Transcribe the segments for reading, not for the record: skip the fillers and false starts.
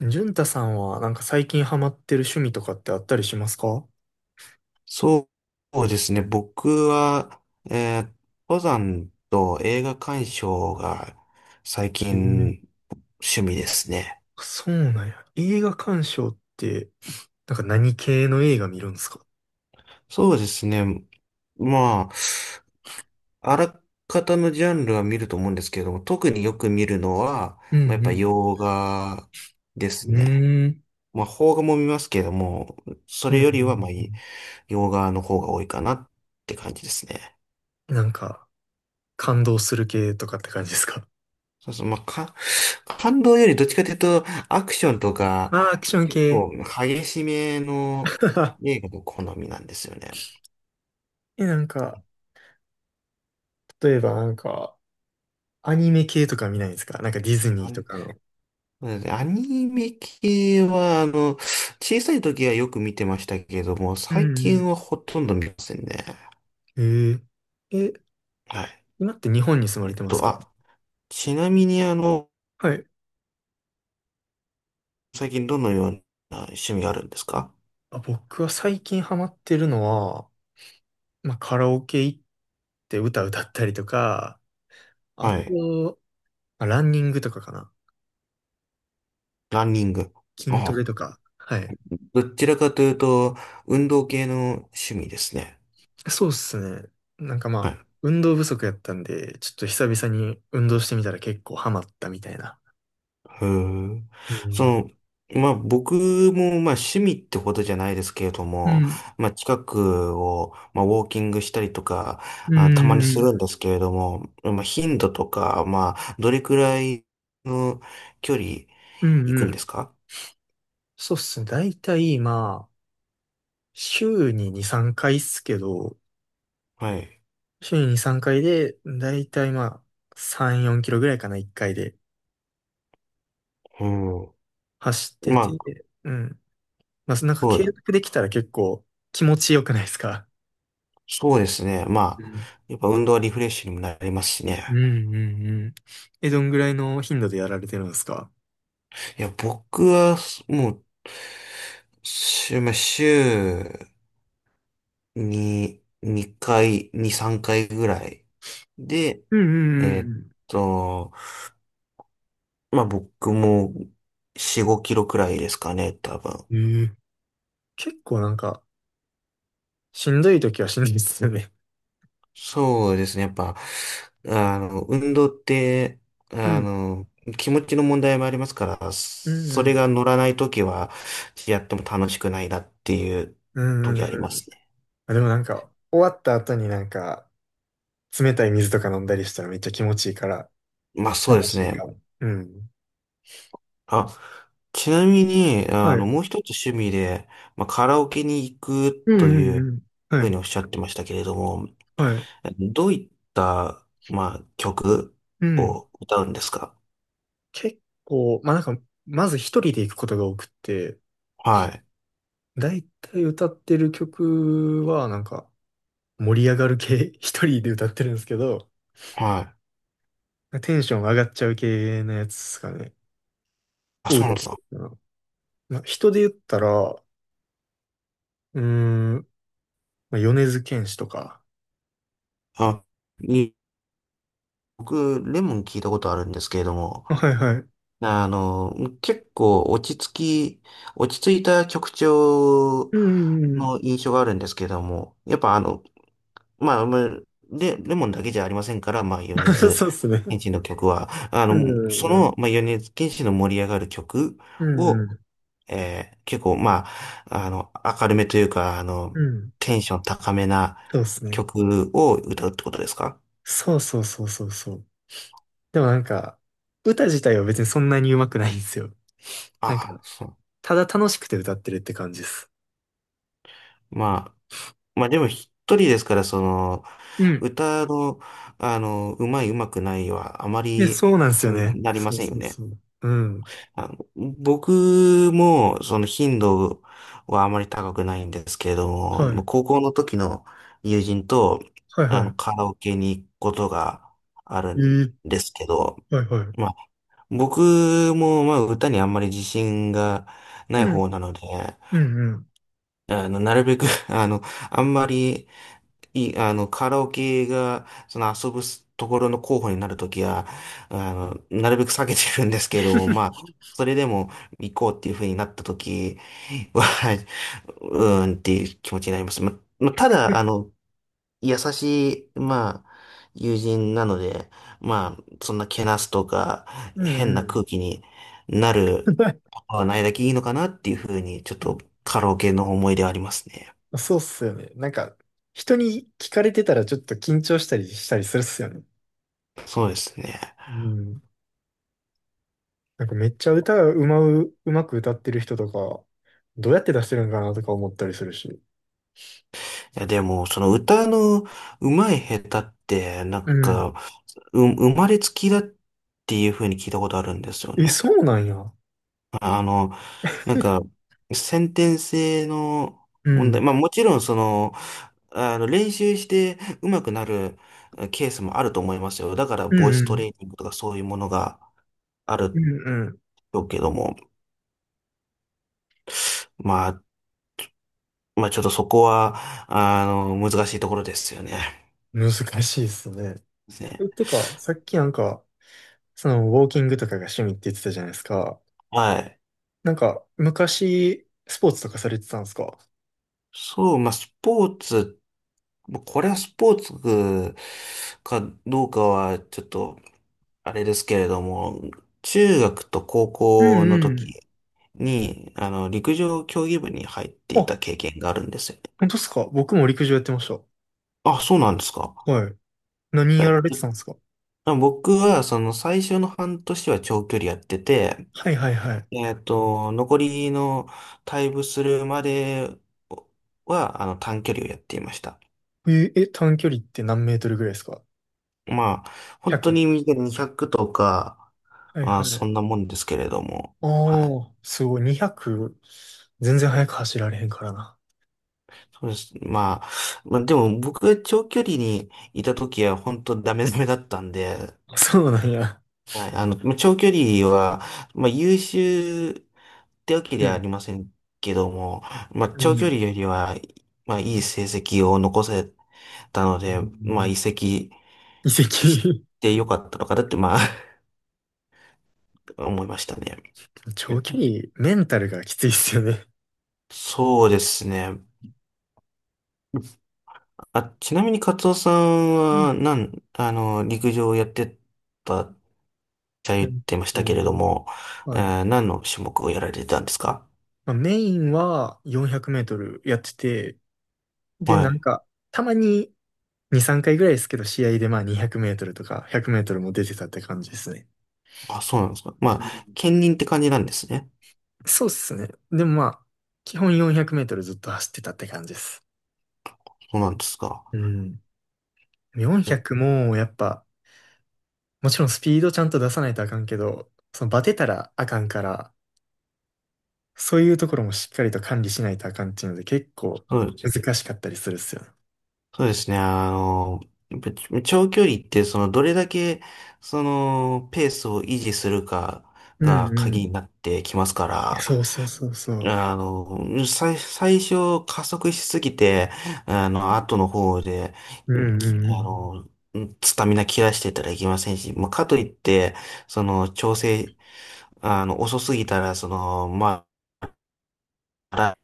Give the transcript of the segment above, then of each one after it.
潤太さんはなんか最近ハマってる趣味とかってあったりしますか？そうですね。僕は、えー登山と映画鑑賞が最えー近趣味ですね。そうなんや。映画鑑賞って、なんか何系の映画見るんですか？そうですね。まあ、あらかたのジャンルは見ると思うんですけれども、特によく見るのは、うまあ、やっんうぱん。洋画でうすね。ーん。まあ、邦画も見ますけれども、そうんれうよりは、まあ、ん。洋画の方が多いかなって感じですね。なんか感動する系とかって感じですか？そうそう、まあ、感動よりどっちかというと、アクションとか、ああー、アクション結系。構激しめの 映画の好みなんですよね。え、なんか、例えばなんか、アニメ系とか見ないですか？なんかディズニあーのとかの。そうですねアニメ系は、あの、小さい時はよく見てましたけれども、う最んう近ん。はほとんど見ませんね。ええ、え、はい。今って日本に住まえれってますと、か？あ、ちなみに、あの、はい。最近どのような趣味があるんですか？あ、僕は最近ハマってるのは、まあ、カラオケ行って歌歌ったりとか、あはい。と、まあ、ランニングとかかな。ランニング。筋トあ、レとか。はい。どちらかというと、運動系の趣味ですね。そうっすね。なんかまはあ、い、運動不足やったんで、ちょっと久々に運動してみたら結構ハマったみたいな。へえ。うそん。の、まあ僕もまあ趣味ってほどじゃないですけれどうも、ん。まあ近くをまあウォーキングしたりとか、うあ、たまにすん。るんですけれども、まあ頻度とか、まあどれくらいの距離うん。行くうんでん。すか？そうっすね。だいたいまあ、週に2、3回っすけど、はい。週に2、3回で、だいたいまあ、3、4キロぐらいかな、1回でうん。走ってまあ、て、うん。まあ、なんかそ継う、続できたら結構気持ちよくないですか？そうですね。うまあ、ん、やっぱ運動はリフレッシュにもなりますしうね。ん、うんうん。え、どんぐらいの頻度でやられてるんですか？いや、僕はもう、まあ週に、2、3回ぐらい。で、うんえうーっんと、まあ僕も4、5キロくらいですかね、多分。うんうん。ええ、結構なんか、しんどい時はしんどいですよね。そうですね、やっぱ、あの、運動って、うあん、の、気持ちの問題もありますから、うんそうれん。が乗らないときは、やっても楽しくないなっていううん時うありまんうん。すね。あ、でもなんか、終わった後になんか、冷たい水とか飲んだりしたらめっちゃ気持ちいいから、まあそうで楽すしいね。かも。うん。あ、ちなみに、はあい。うの、もんう一つ趣味で、まあ、カラオケに行くうといんううん。はふうにい。おっしゃってましたけれども、はい。どういった、まあ、曲うん。を歌うんですか？結構、まあなんか、まず一人で行くことが多くって、はい、だいたい歌ってる曲は、なんか、盛り上がる系、一人で歌ってるんですけど、はい。テンション上がっちゃう系のやつですかね。あ、をそうな歌んっでてすか。るかな。まあ、人で言ったら、うーん、まあ、米津玄師とか。あ、に、僕、レモン聞いたことあるんですけれども、はいはい。あの、結構落ち着き、落ち着いた曲調うんうんうん。の印象があるんですけれども、やっぱあの、まあ、で、レモンだけじゃありませんから、まあ、米 津そうっすね。玄師の曲は、あうんの、うそんうん。の、まあ、米津玄師の盛り上がる曲うんうを、ん。結構、まあ、あの、明るめというか、あうの、ん。テンション高めなそうっすね。曲を歌うってことですか？そうそうそうそうそう。でもなんか、歌自体は別にそんなに上手くないんですよ。なんか、あそう。ただ楽しくて歌ってるって感じです。まあ、まあでも一人ですから、その、うん、歌の、あの、うまくないは、あまいや、り、そうなんですよにね。なりまそうせんよそうね。そう。うん。あの、僕も、その頻度はあまり高くないんですけれども、はもうい。高校の時の友人と、はいあの、はカラオケに行くことがあるい。えんー、ですけど、はいはい。まあ、僕も、まあ、歌にあんまり自信がないうん。方なので、うんうん。あの、なるべく あの、あんまりい、あの、カラオケが、その遊ぶところの候補になるときは、あの、なるべく避けてるんですけども、まあ、それでも行こうっていうふうになったときは、うーんっていう気持ちになります。まあ、ただ、あの、優しい、まあ、友人なので、まあ、そんなけなすとか、う変んなう空ん。気になることはないだけいいのかなっていうふうに、ちょっと カラオケの思い出はありますね。そうっすよね。なんか、人に聞かれてたらちょっと緊張したりしたりするっすよね。そうですね。うん。なんかめっちゃ歌がうまく歌ってる人とか、どうやって出してるんかなとか思ったりするし。いや、でも、その歌の上手い下手って、なんうん。か、生まれつきだっていう風に聞いたことあるんですよえ、ね。そうなんや。あの、なんか、先天性のう問題。ん。まあもちろん、その、あの、練習して上手くなるケースもあると思いますよ。だから、うボイんスうトん。レーニングとかそういうものがあうるんけども、まあ、まあ、ちょっとそこは、あの、難しいところですよね。うん。難しいっすね。ですね。えてか、さっきなんか、その、ウォーキングとかが趣味って言ってたじゃないですか。はい。なんか、昔、スポーツとかされてたんですか？そう、まあ、スポーツまあこれはスポーツかどうかはちょっとあれですけれども、中学と高う校んのうん。時に、あの、陸上競技部に入っていあ、た経験があるんですよね。本当ですか？僕も陸上やってました。あ、そうなんですか。はい。何やられえてたんですか？僕は、その最初の半年は長距離やってて、はいはいはい。えっと、残りの退部するまでは、あの、短距離をやっていました。え、え、短距離って何メートルぐらいですか？ まあ、本当 100。に短い200とか、はいまはあ、そい。んなもんですけれども。あはい。あ、すごい。200、全然速く走られへんからな。そうです。まあ、でも僕が長距離にいた時は本当ダメダメだったんで、そうなんや。はい。あの、まあ長距離は、まあ、優秀ってわけうではあん。りませんけども、まあ、う長距ん。離よりは、まあ、いい成績を残せたのうで、まあ、ん、移籍移し籍。てよかったのかなって、まあ、思いましたね。えっ長距と、離、メンタルがきついっすよね。そうですね。あ、ちなみにカツオさんうん。は、あの、陸上をやってたっうて言っんてましたけと。れども、はい。何の種目をやられてたんですか？まあ、メインは400メートルやってて、で、はなんい。か、たまに2、3回ぐらいですけど、試合でまあ200メートルとか100メートルも出てたって感じですね。あ、そうなんですか。まうあ、ん、兼任って感じなんですね。そうっすね。でもまあ、基本400メートルずっと走ってたって感じです。そうなんですか。うん。400えもやっぱ、もちろんスピードちゃんと出さないとあかんけど、そのバテたらあかんから、そういうところもしっかりと管理しないとあかんっていうので結構そうですね。難しかったりするっすよね。そうですね。あの、やっぱり長距離って、その、どれだけ、その、ペースを維持するかうんがう鍵ん。になってきますかそら、うそうそうそう。あの、最初加速しすぎて、あの、後の方で、うんうきんうあん。の、スタミナ切らしてたらいけませんし、まあ、かといって、その、調整、あの、遅すぎたら、その、まあ、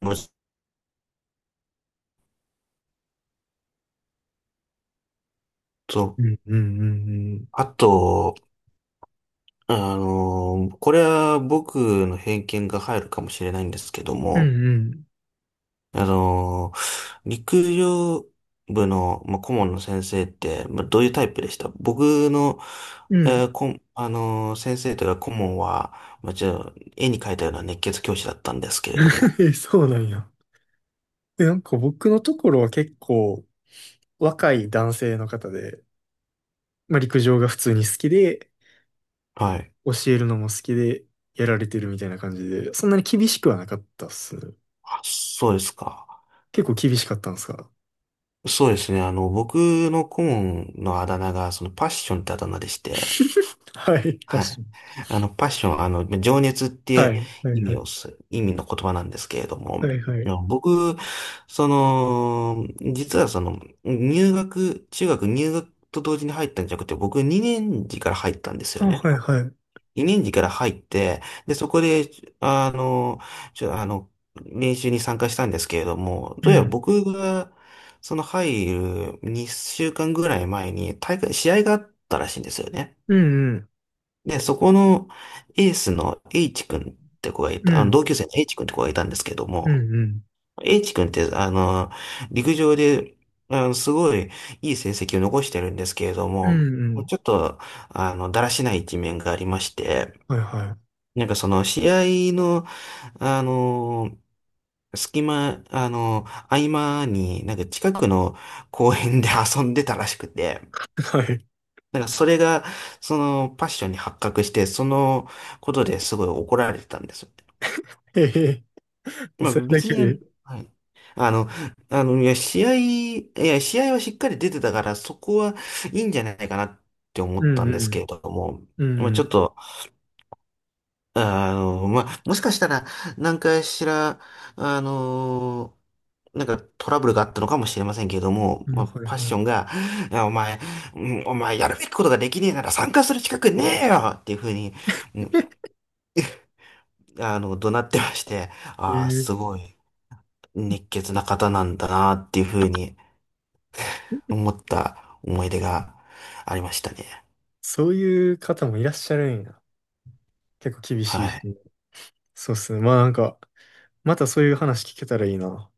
もうちょっと、うんうんうんうん。あと、あの、これは僕の偏見が入るかもしれないんですけどうも、んあのー陸上部の、まあ、顧問の先生って、まあ、どういうタイプでした？僕の、うんうん。えーこん、あのー先生というか顧問は、まあ、絵に描いたような熱血教師だったんですけれども。そうなんや。で、なんか僕のところは結構若い男性の方で、まあ陸上が普通に好きで、はい。教えるのも好きで、やられてるみたいな感じで、そんなに厳しくはなかったっすね。あ、そうですか。結構厳しかったんですか？ そうですね。あの、僕の顧問のあだ名が、そのパッションってあだ名でして、はい、確かはい。に。あの、パッション、あの、情熱っはてい、はい、意は味い。をす、意味の言葉なんですけれども、はい、はあい。の僕、その、実はその、入学、中学入学と同時に入ったんじゃなくて、僕2年次から入ったんですよあ、はね。い、はい。2年次から入って、で、そこで、あの、ちょ、あの、練習に参加したんですけれども、うどうやらん。僕が、その入る2週間ぐらい前に試合があったらしいんですよね。うん、うん。で、そこのエースの H 君って子がいうた、あのん、同級生の H 君って子がいたんですけどうん、も、うん。H 君って、あの、陸上で、あの、すごいいい成績を残してるんですけれどうも、ん、うん。ちょっと、あの、だらしない一面がありまして、はい、はなんかその試合の、あの、隙間、あの、合間に、なんか近くの公園で遊んでたらしくて、い。はい。なんかそれが、そのパッションに発覚して、そのことですごい怒られてたんですよ。へへ。まあそれだ別けに、で。はい。あの、いや、試合はしっかり出てたから、そこはいいんじゃないかなって思うったん、んうですけん。れども、うまあちょっん。と、あの、まあ、もしかしたら、何かしら、あの、なんかトラブルがあったのかもしれませんけれども、まあ、まあ、はいパッはションい。が、いやお前、うんお前やるべきことができねえなら参加する資格ねえよっていうふうに、うんあの、怒鳴ってまして、えああ、ー、すごい熱血な方なんだなっていうふうに思った思い出がありましたね。そういう方もいらっしゃるんや。結構厳しいは人。い。そうっすね。まあなんか、またそういう話聞けたらいいな。